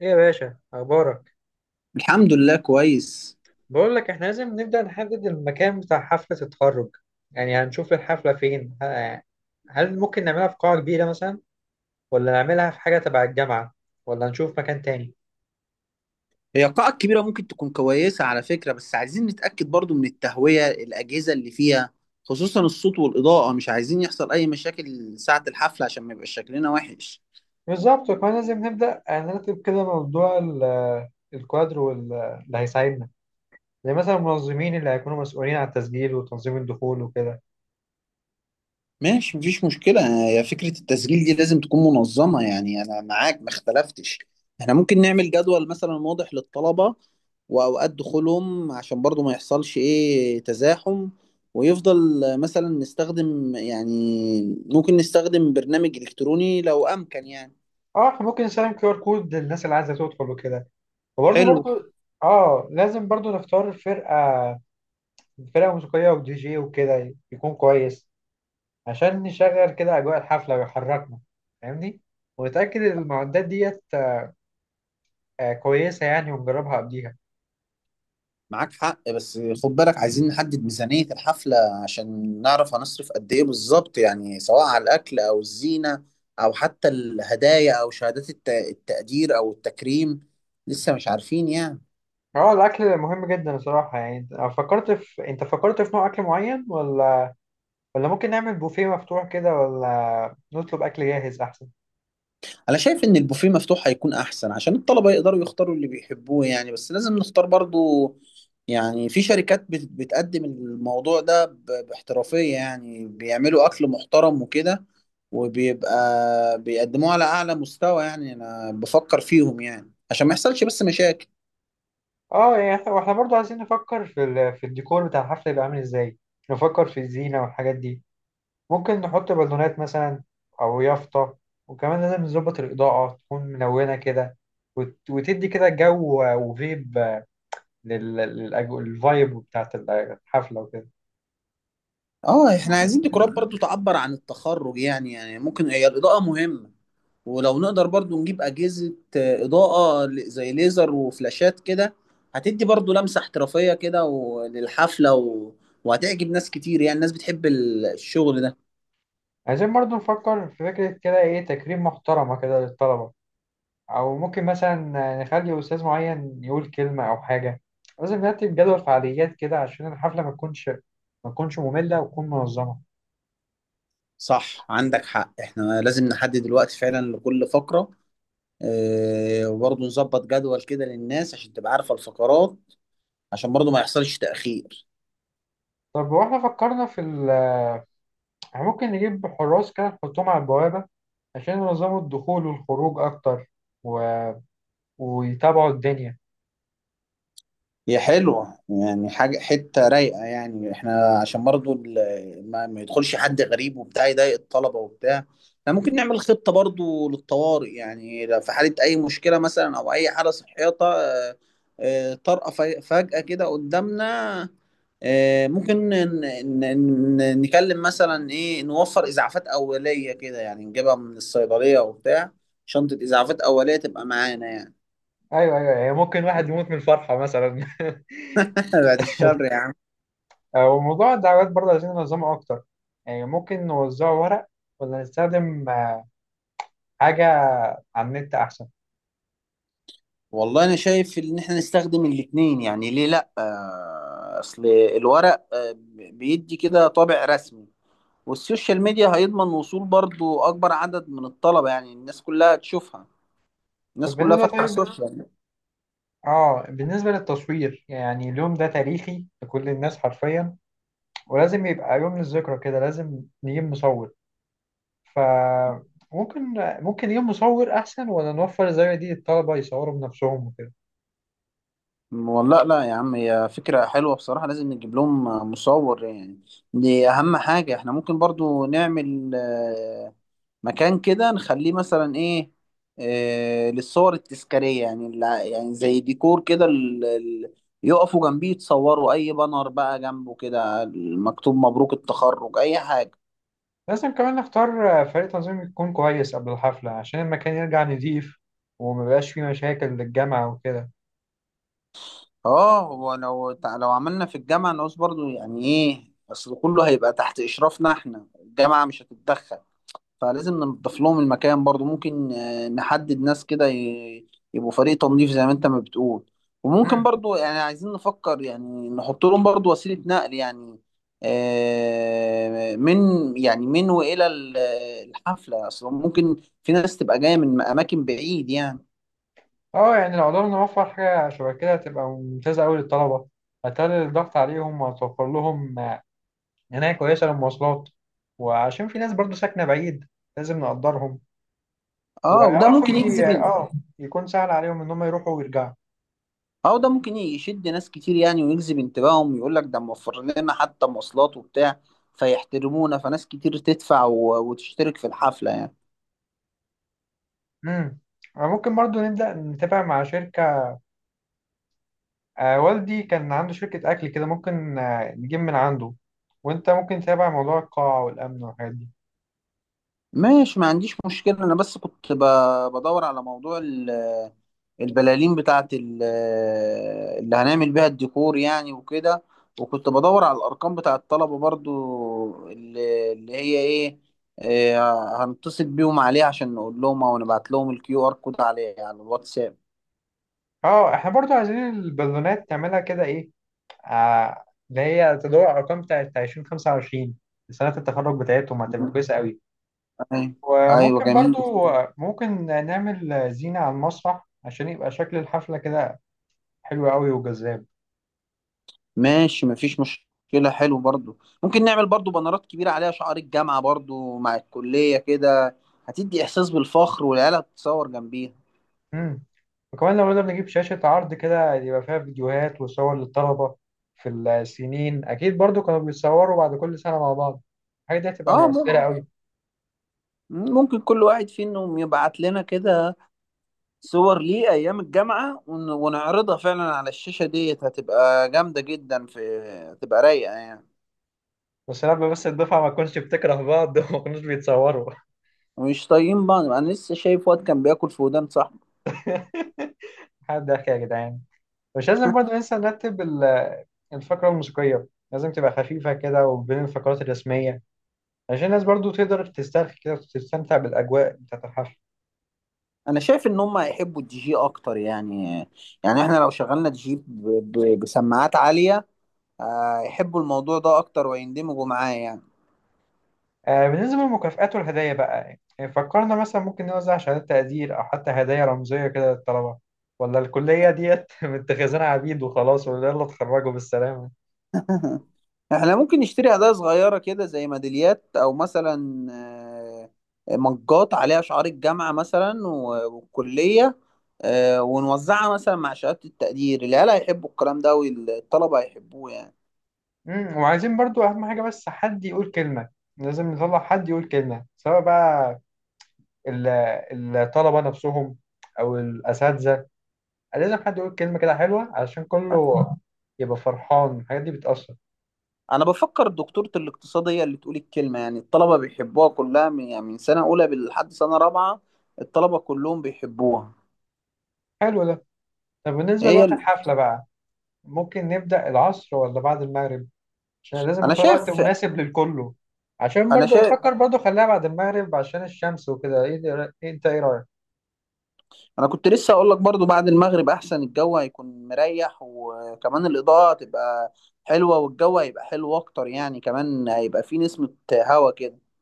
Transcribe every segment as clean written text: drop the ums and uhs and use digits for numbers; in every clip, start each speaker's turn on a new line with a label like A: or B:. A: ايه يا باشا، اخبارك؟
B: الحمد لله كويس.
A: بقول لك احنا لازم نبدأ نحدد المكان بتاع حفلة التخرج. يعني هنشوف الحفلة فين هل ممكن نعملها في قاعة كبيرة مثلا، ولا نعملها في حاجة تبع الجامعة، ولا نشوف مكان تاني؟
B: هي القاعة الكبيرة ممكن تكون كويسة على فكرة، بس عايزين نتأكد برضو من التهوية الأجهزة اللي فيها، خصوصا الصوت والإضاءة. مش عايزين يحصل أي مشاكل ساعة الحفلة عشان ما يبقاش شكلنا وحش.
A: بالظبط، وكمان لازم نبدأ نرتب كده موضوع الكوادر اللي هيساعدنا، زي مثلا المنظمين اللي هيكونوا مسؤولين عن التسجيل وتنظيم الدخول وكده.
B: ماشي مفيش مشكلة، هي فكرة التسجيل دي لازم تكون منظمة، يعني أنا معاك ما اختلفتش. احنا ممكن نعمل جدول مثلا واضح للطلبة وأوقات دخولهم عشان برضو ما يحصلش إيه تزاحم. ويفضل مثلا نستخدم يعني ممكن نستخدم برنامج إلكتروني لو أمكن يعني.
A: اه، احنا ممكن نسلم كيو ار كود للناس اللي عايزة تدخل وكده وبرضه
B: حلو.
A: برضه اه، لازم برضه نختار فرقة موسيقية ودي جي وكده يكون كويس عشان نشغل كده أجواء الحفلة ويحركنا، فاهمني؟ ونتأكد إن المعدات ديت كويسة يعني، ونجربها قبليها.
B: معاك حق، بس خد بالك عايزين نحدد ميزانية الحفلة عشان نعرف هنصرف قد ايه بالظبط، يعني سواء على الأكل أو الزينة أو حتى الهدايا أو شهادات التقدير أو التكريم. لسه مش عارفين يعني.
A: اه، الأكل مهم جدا الصراحة. يعني أنت فكرت في نوع أكل معين، ولا ممكن نعمل بوفيه مفتوح كده، ولا نطلب أكل جاهز أحسن؟
B: انا شايف ان البوفيه مفتوح هيكون احسن عشان الطلبه يقدروا يختاروا اللي بيحبوه يعني، بس لازم نختار برضو. يعني في شركات بتقدم الموضوع ده باحترافيه، يعني بيعملوا اكل محترم وكده وبيبقى بيقدموه على اعلى مستوى، يعني انا بفكر فيهم يعني عشان ما يحصلش بس مشاكل.
A: اه، يعني واحنا برضه عايزين نفكر في الديكور بتاع الحفلة، يبقى عامل ازاي. نفكر في الزينة والحاجات دي، ممكن نحط بالونات مثلا أو يافطة. وكمان لازم نظبط الإضاءة تكون منونة كده، وتدي كده جو وفيب للفايب بتاعت الحفلة وكده.
B: اه احنا عايزين ديكورات برضو تعبر عن التخرج، يعني يعني ممكن هي الإضاءة مهمة. ولو نقدر برضو نجيب أجهزة إضاءة زي ليزر وفلاشات كده، هتدي برضو لمسة احترافية كده للحفلة وهتعجب ناس كتير، يعني الناس بتحب الشغل ده.
A: عايزين برضو نفكر في فكرة كده تكريم محترمة كده للطلبة، أو ممكن مثلا نخلي أستاذ معين يقول كلمة أو حاجة. لازم نرتب جدول فعاليات كده عشان الحفلة ما تكونش مملة وتكون منظمة.
B: صح عندك حق، احنا لازم نحدد الوقت فعلا لكل فقرة. اه وبرضو نظبط جدول كده للناس عشان تبقى عارفة الفقرات عشان برضو ما يحصلش تأخير.
A: طب، واحنا فكرنا في ال احنا ممكن نجيب حراس كده نحطهم على البوابة عشان ينظموا الدخول والخروج أكتر و... ويتابعوا الدنيا.
B: هي حلوة يعني حاجة حتة رايقة، يعني احنا عشان برضو ما يدخلش حد غريب وبتاع يضايق الطلبة وبتاع. احنا ممكن نعمل خطة برضو للطوارئ، يعني لو في حالة أي مشكلة مثلا أو أي حالة صحية طارئة فجأة كده قدامنا. ممكن نكلم مثلا إيه نوفر إسعافات أولية كده، يعني نجيبها من الصيدلية وبتاع، شنطة إسعافات أولية تبقى معانا يعني.
A: أيوه، أيوه، يعني ممكن واحد يموت من الفرحة مثلا
B: بعد الشر يعني.
A: أو موضوع الدعوات برضه عايزين ننظمه أكتر. يعني ممكن نوزعه ورق، ولا نستخدم حاجة على النت أحسن؟
B: والله انا شايف ان احنا نستخدم الاتنين، يعني ليه لا؟ اصل الورق بيدي كده طابع رسمي، والسوشيال ميديا هيضمن وصول برضو اكبر عدد من الطلبة، يعني الناس كلها تشوفها،
A: طب
B: الناس كلها
A: بالنسبة
B: فاتحة
A: طيب،
B: السوشيال.
A: بالنسبة للتصوير، يعني اليوم ده تاريخي لكل الناس حرفيا، ولازم يبقى يوم للذكرى كده، لازم نجيب مصور. فممكن ممكن يجيب مصور أحسن، ولا نوفر زي دي الطلبة يصوروا بنفسهم وكده؟
B: والله لا يا عم، هي فكرة حلوة بصراحة، لازم نجيب لهم مصور يعني. دي اهم حاجة. احنا ممكن برضو نعمل مكان كده نخليه مثلا ايه، آه للصور التذكارية، يعني يعني زي ديكور كده يقفوا جنبيه يتصوروا، اي بانر بقى جنبه كده مكتوب مبروك التخرج اي حاجة.
A: لازم كمان نختار فريق تنظيم يكون كويس قبل الحفلة عشان المكان يرجع نضيف، ومبقاش فيه مشاكل للجامعة وكده.
B: اه هو لو لو عملنا في الجامعة نقص برضو، يعني ايه اصل كله هيبقى تحت اشرافنا احنا، الجامعة مش هتتدخل. فلازم ننضف لهم المكان برضو، ممكن نحدد ناس كده يبقوا فريق تنظيف زي ما انت ما بتقول. وممكن
A: مم.
B: برضو يعني عايزين نفكر يعني نحط لهم برضو وسيلة نقل يعني، من يعني من وإلى الحفلة أصلا، ممكن في ناس تبقى جاية من أماكن بعيد يعني.
A: اه، يعني لو قدرنا نوفر حاجة شبه كده هتبقى ممتازة أوي للطلبة، هتقلل الضغط عليهم وهتوفر لهم عناية كويسة للمواصلات، وعشان في ناس برضو ساكنة بعيد، لازم نقدرهم،
B: اه وده
A: ويعرفوا
B: ممكن
A: ي...
B: يجذب.
A: اه يكون سهل عليهم إن هم يروحوا ويرجعوا.
B: اه وده ممكن يشد ناس كتير يعني، ويجذب انتباههم، يقول لك ده موفر لنا حتى مواصلات وبتاع فيحترمونا، فناس كتير تدفع وتشترك في الحفلة يعني.
A: امم ممكن برضو نبدأ نتابع مع شركة. والدي كان عنده شركة أكل كده، ممكن نجيب من عنده. وأنت ممكن تتابع موضوع القاعة والأمن والحاجات دي.
B: ماشي ما عنديش مشكلة، أنا بس كنت بدور على موضوع البلالين بتاعة اللي هنعمل بيها الديكور يعني وكده. وكنت بدور على الأرقام بتاع الطلبة برضو اللي هي إيه، إيه، هنتصل بيهم عليه عشان نقول لهم أو نبعت لهم الكيو آر كود عليه على الواتساب.
A: اه، احنا برضو عايزين البالونات تعملها كده ايه آه اللي هي تدور على الأرقام بتاعت 2025، سنة التخرج بتاعتهم، هتبقى كويسة قوي.
B: أيوة. أيوة،
A: وممكن برضو
B: جميل.
A: ممكن نعمل زينة على المسرح عشان يبقى شكل الحفلة كده حلو قوي وجذاب.
B: ماشي مفيش مشكلة، حلو برضو ممكن نعمل برضو بانرات كبيرة عليها شعار الجامعة برضو مع الكلية كده، هتدي إحساس بالفخر والعيال هتتصور جنبيها.
A: امم وكمان لو نقدر نجيب شاشة عرض كده يبقى فيها فيديوهات وصور للطلبة، في السنين أكيد برضو كانوا بيتصوروا بعد كل سنة مع بعض، الحاجة دي هتبقى
B: اه
A: مؤثرة
B: ممكن،
A: أوي.
B: ممكن كل واحد فيهم يبعت لنا كده صور ليه أيام الجامعة ونعرضها فعلا على الشاشة ديت، هتبقى جامدة جدا في، هتبقى رايقة يعني.
A: بس الدفعة ما تكونش بتكره بعض وما كانوش بيتصوروا.
B: ومش طايقين بعض، أنا لسه شايف واد كان بياكل في ودان صاحبه.
A: حد ضحك يا جدعان؟ مش لازم برضو ننسى نرتب الفقرة الموسيقية، لازم تبقى خفيفة كده وبين الفقرات الرسمية عشان الناس برضو تقدر تسترخي كده وتستمتع بالأجواء بتاعة الحفل.
B: أنا شايف إن هم هيحبوا الدي جي أكتر يعني، يعني إحنا لو شغلنا دي جي بسماعات عالية، يحبوا الموضوع ده اكتر ويندمجوا معاه يعني.
A: بالنسبة للمكافآت والهدايا بقى، يعني فكرنا مثلا ممكن نوزع شهادات تقدير أو حتى هدايا رمزية كده للطلبة، ولا الكلية ديت متخذينها عبيد وخلاص ولا يلا اتخرجوا بالسلامة؟
B: احنا ممكن نشتري هدايا صغيرة كده زي ميداليات او مثلا مجات عليها شعار الجامعة مثلا والكلية، ونوزعها مثلا مع شهادة التقدير. العيال هيحبوا الكلام ده والطلبة هيحبوه يعني.
A: وعايزين برضو أهم حاجة، بس حد يقول كلمة، لازم نطلع حد يقول كلمة سواء بقى ال- الطلبة نفسهم أو الأساتذة. لازم حد يقول كلمة كده حلوة علشان كله يبقى فرحان، الحاجات دي بتأثر.
B: انا بفكر دكتورة الاقتصاد هي اللي تقول الكلمة، يعني الطلبة بيحبوها كلها من يعني من سنة اولى لحد سنة رابعة، الطلبة كلهم بيحبوها.
A: حلو ده. طب، بالنسبة
B: هي
A: لوقت
B: اللي...
A: الحفلة بقى، ممكن نبدأ العصر ولا بعد المغرب؟ عشان لازم
B: انا
A: اختار وقت
B: شايف
A: مناسب للكله. عشان
B: انا
A: برضو
B: شايف
A: افكر برضو خليها بعد المغرب، عشان الشمس وكده. ايه ده، رأي- إيه انت ايه رايك؟
B: انا كنت لسه اقول لك برضو بعد المغرب احسن، الجو هيكون مريح وكمان الاضاءة هتبقى حلوة والجو هيبقى حلو اكتر يعني، كمان هيبقى فيه نسمة هوا كده.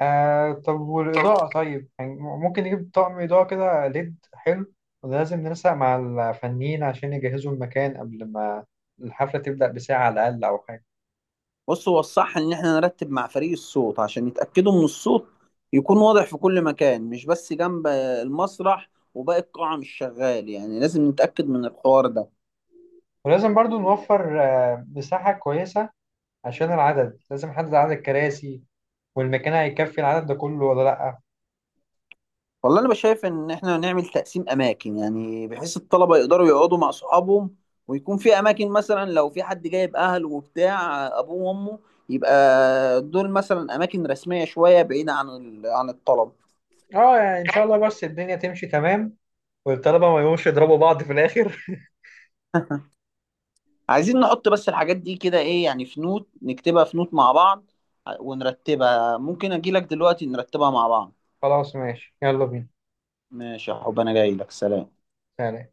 A: طب، والاضاءه، طيب يعني ممكن نجيب طقم اضاءه كده ليد حلو، ولازم ننسق مع الفنيين عشان يجهزوا المكان قبل ما الحفله تبدا بساعه على الاقل او حاجه.
B: بص هو الصح ان احنا نرتب مع فريق الصوت عشان يتأكدوا من الصوت يكون واضح في كل مكان، مش بس جنب المسرح وباقي القاعة مش شغال، يعني لازم نتأكد من الحوار ده.
A: ولازم برضو نوفر مساحه كويسه، عشان العدد، لازم نحدد عدد الكراسي، والمكان هيكفي العدد ده كله ولا لا؟
B: والله انا بشايف ان احنا نعمل تقسيم اماكن، يعني بحيث الطلبه يقدروا يقعدوا مع اصحابهم، ويكون في اماكن مثلا لو في حد جايب اهله وبتاع ابوه وامه، يبقى دول مثلا اماكن رسميه شويه بعيده عن عن الطلبه.
A: اه، يعني ان شاء الله بس الدنيا تمشي تمام، والطلبة ما يقوموش يضربوا بعض في الآخر.
B: عايزين نحط بس الحاجات دي كده ايه يعني في نوت، نكتبها في نوت مع بعض ونرتبها، ممكن اجي لك دلوقتي نرتبها مع بعض.
A: خلاص، ماشي، يلا بينا.
B: ماشي يا حب انا جاي لك، سلام.
A: سلام.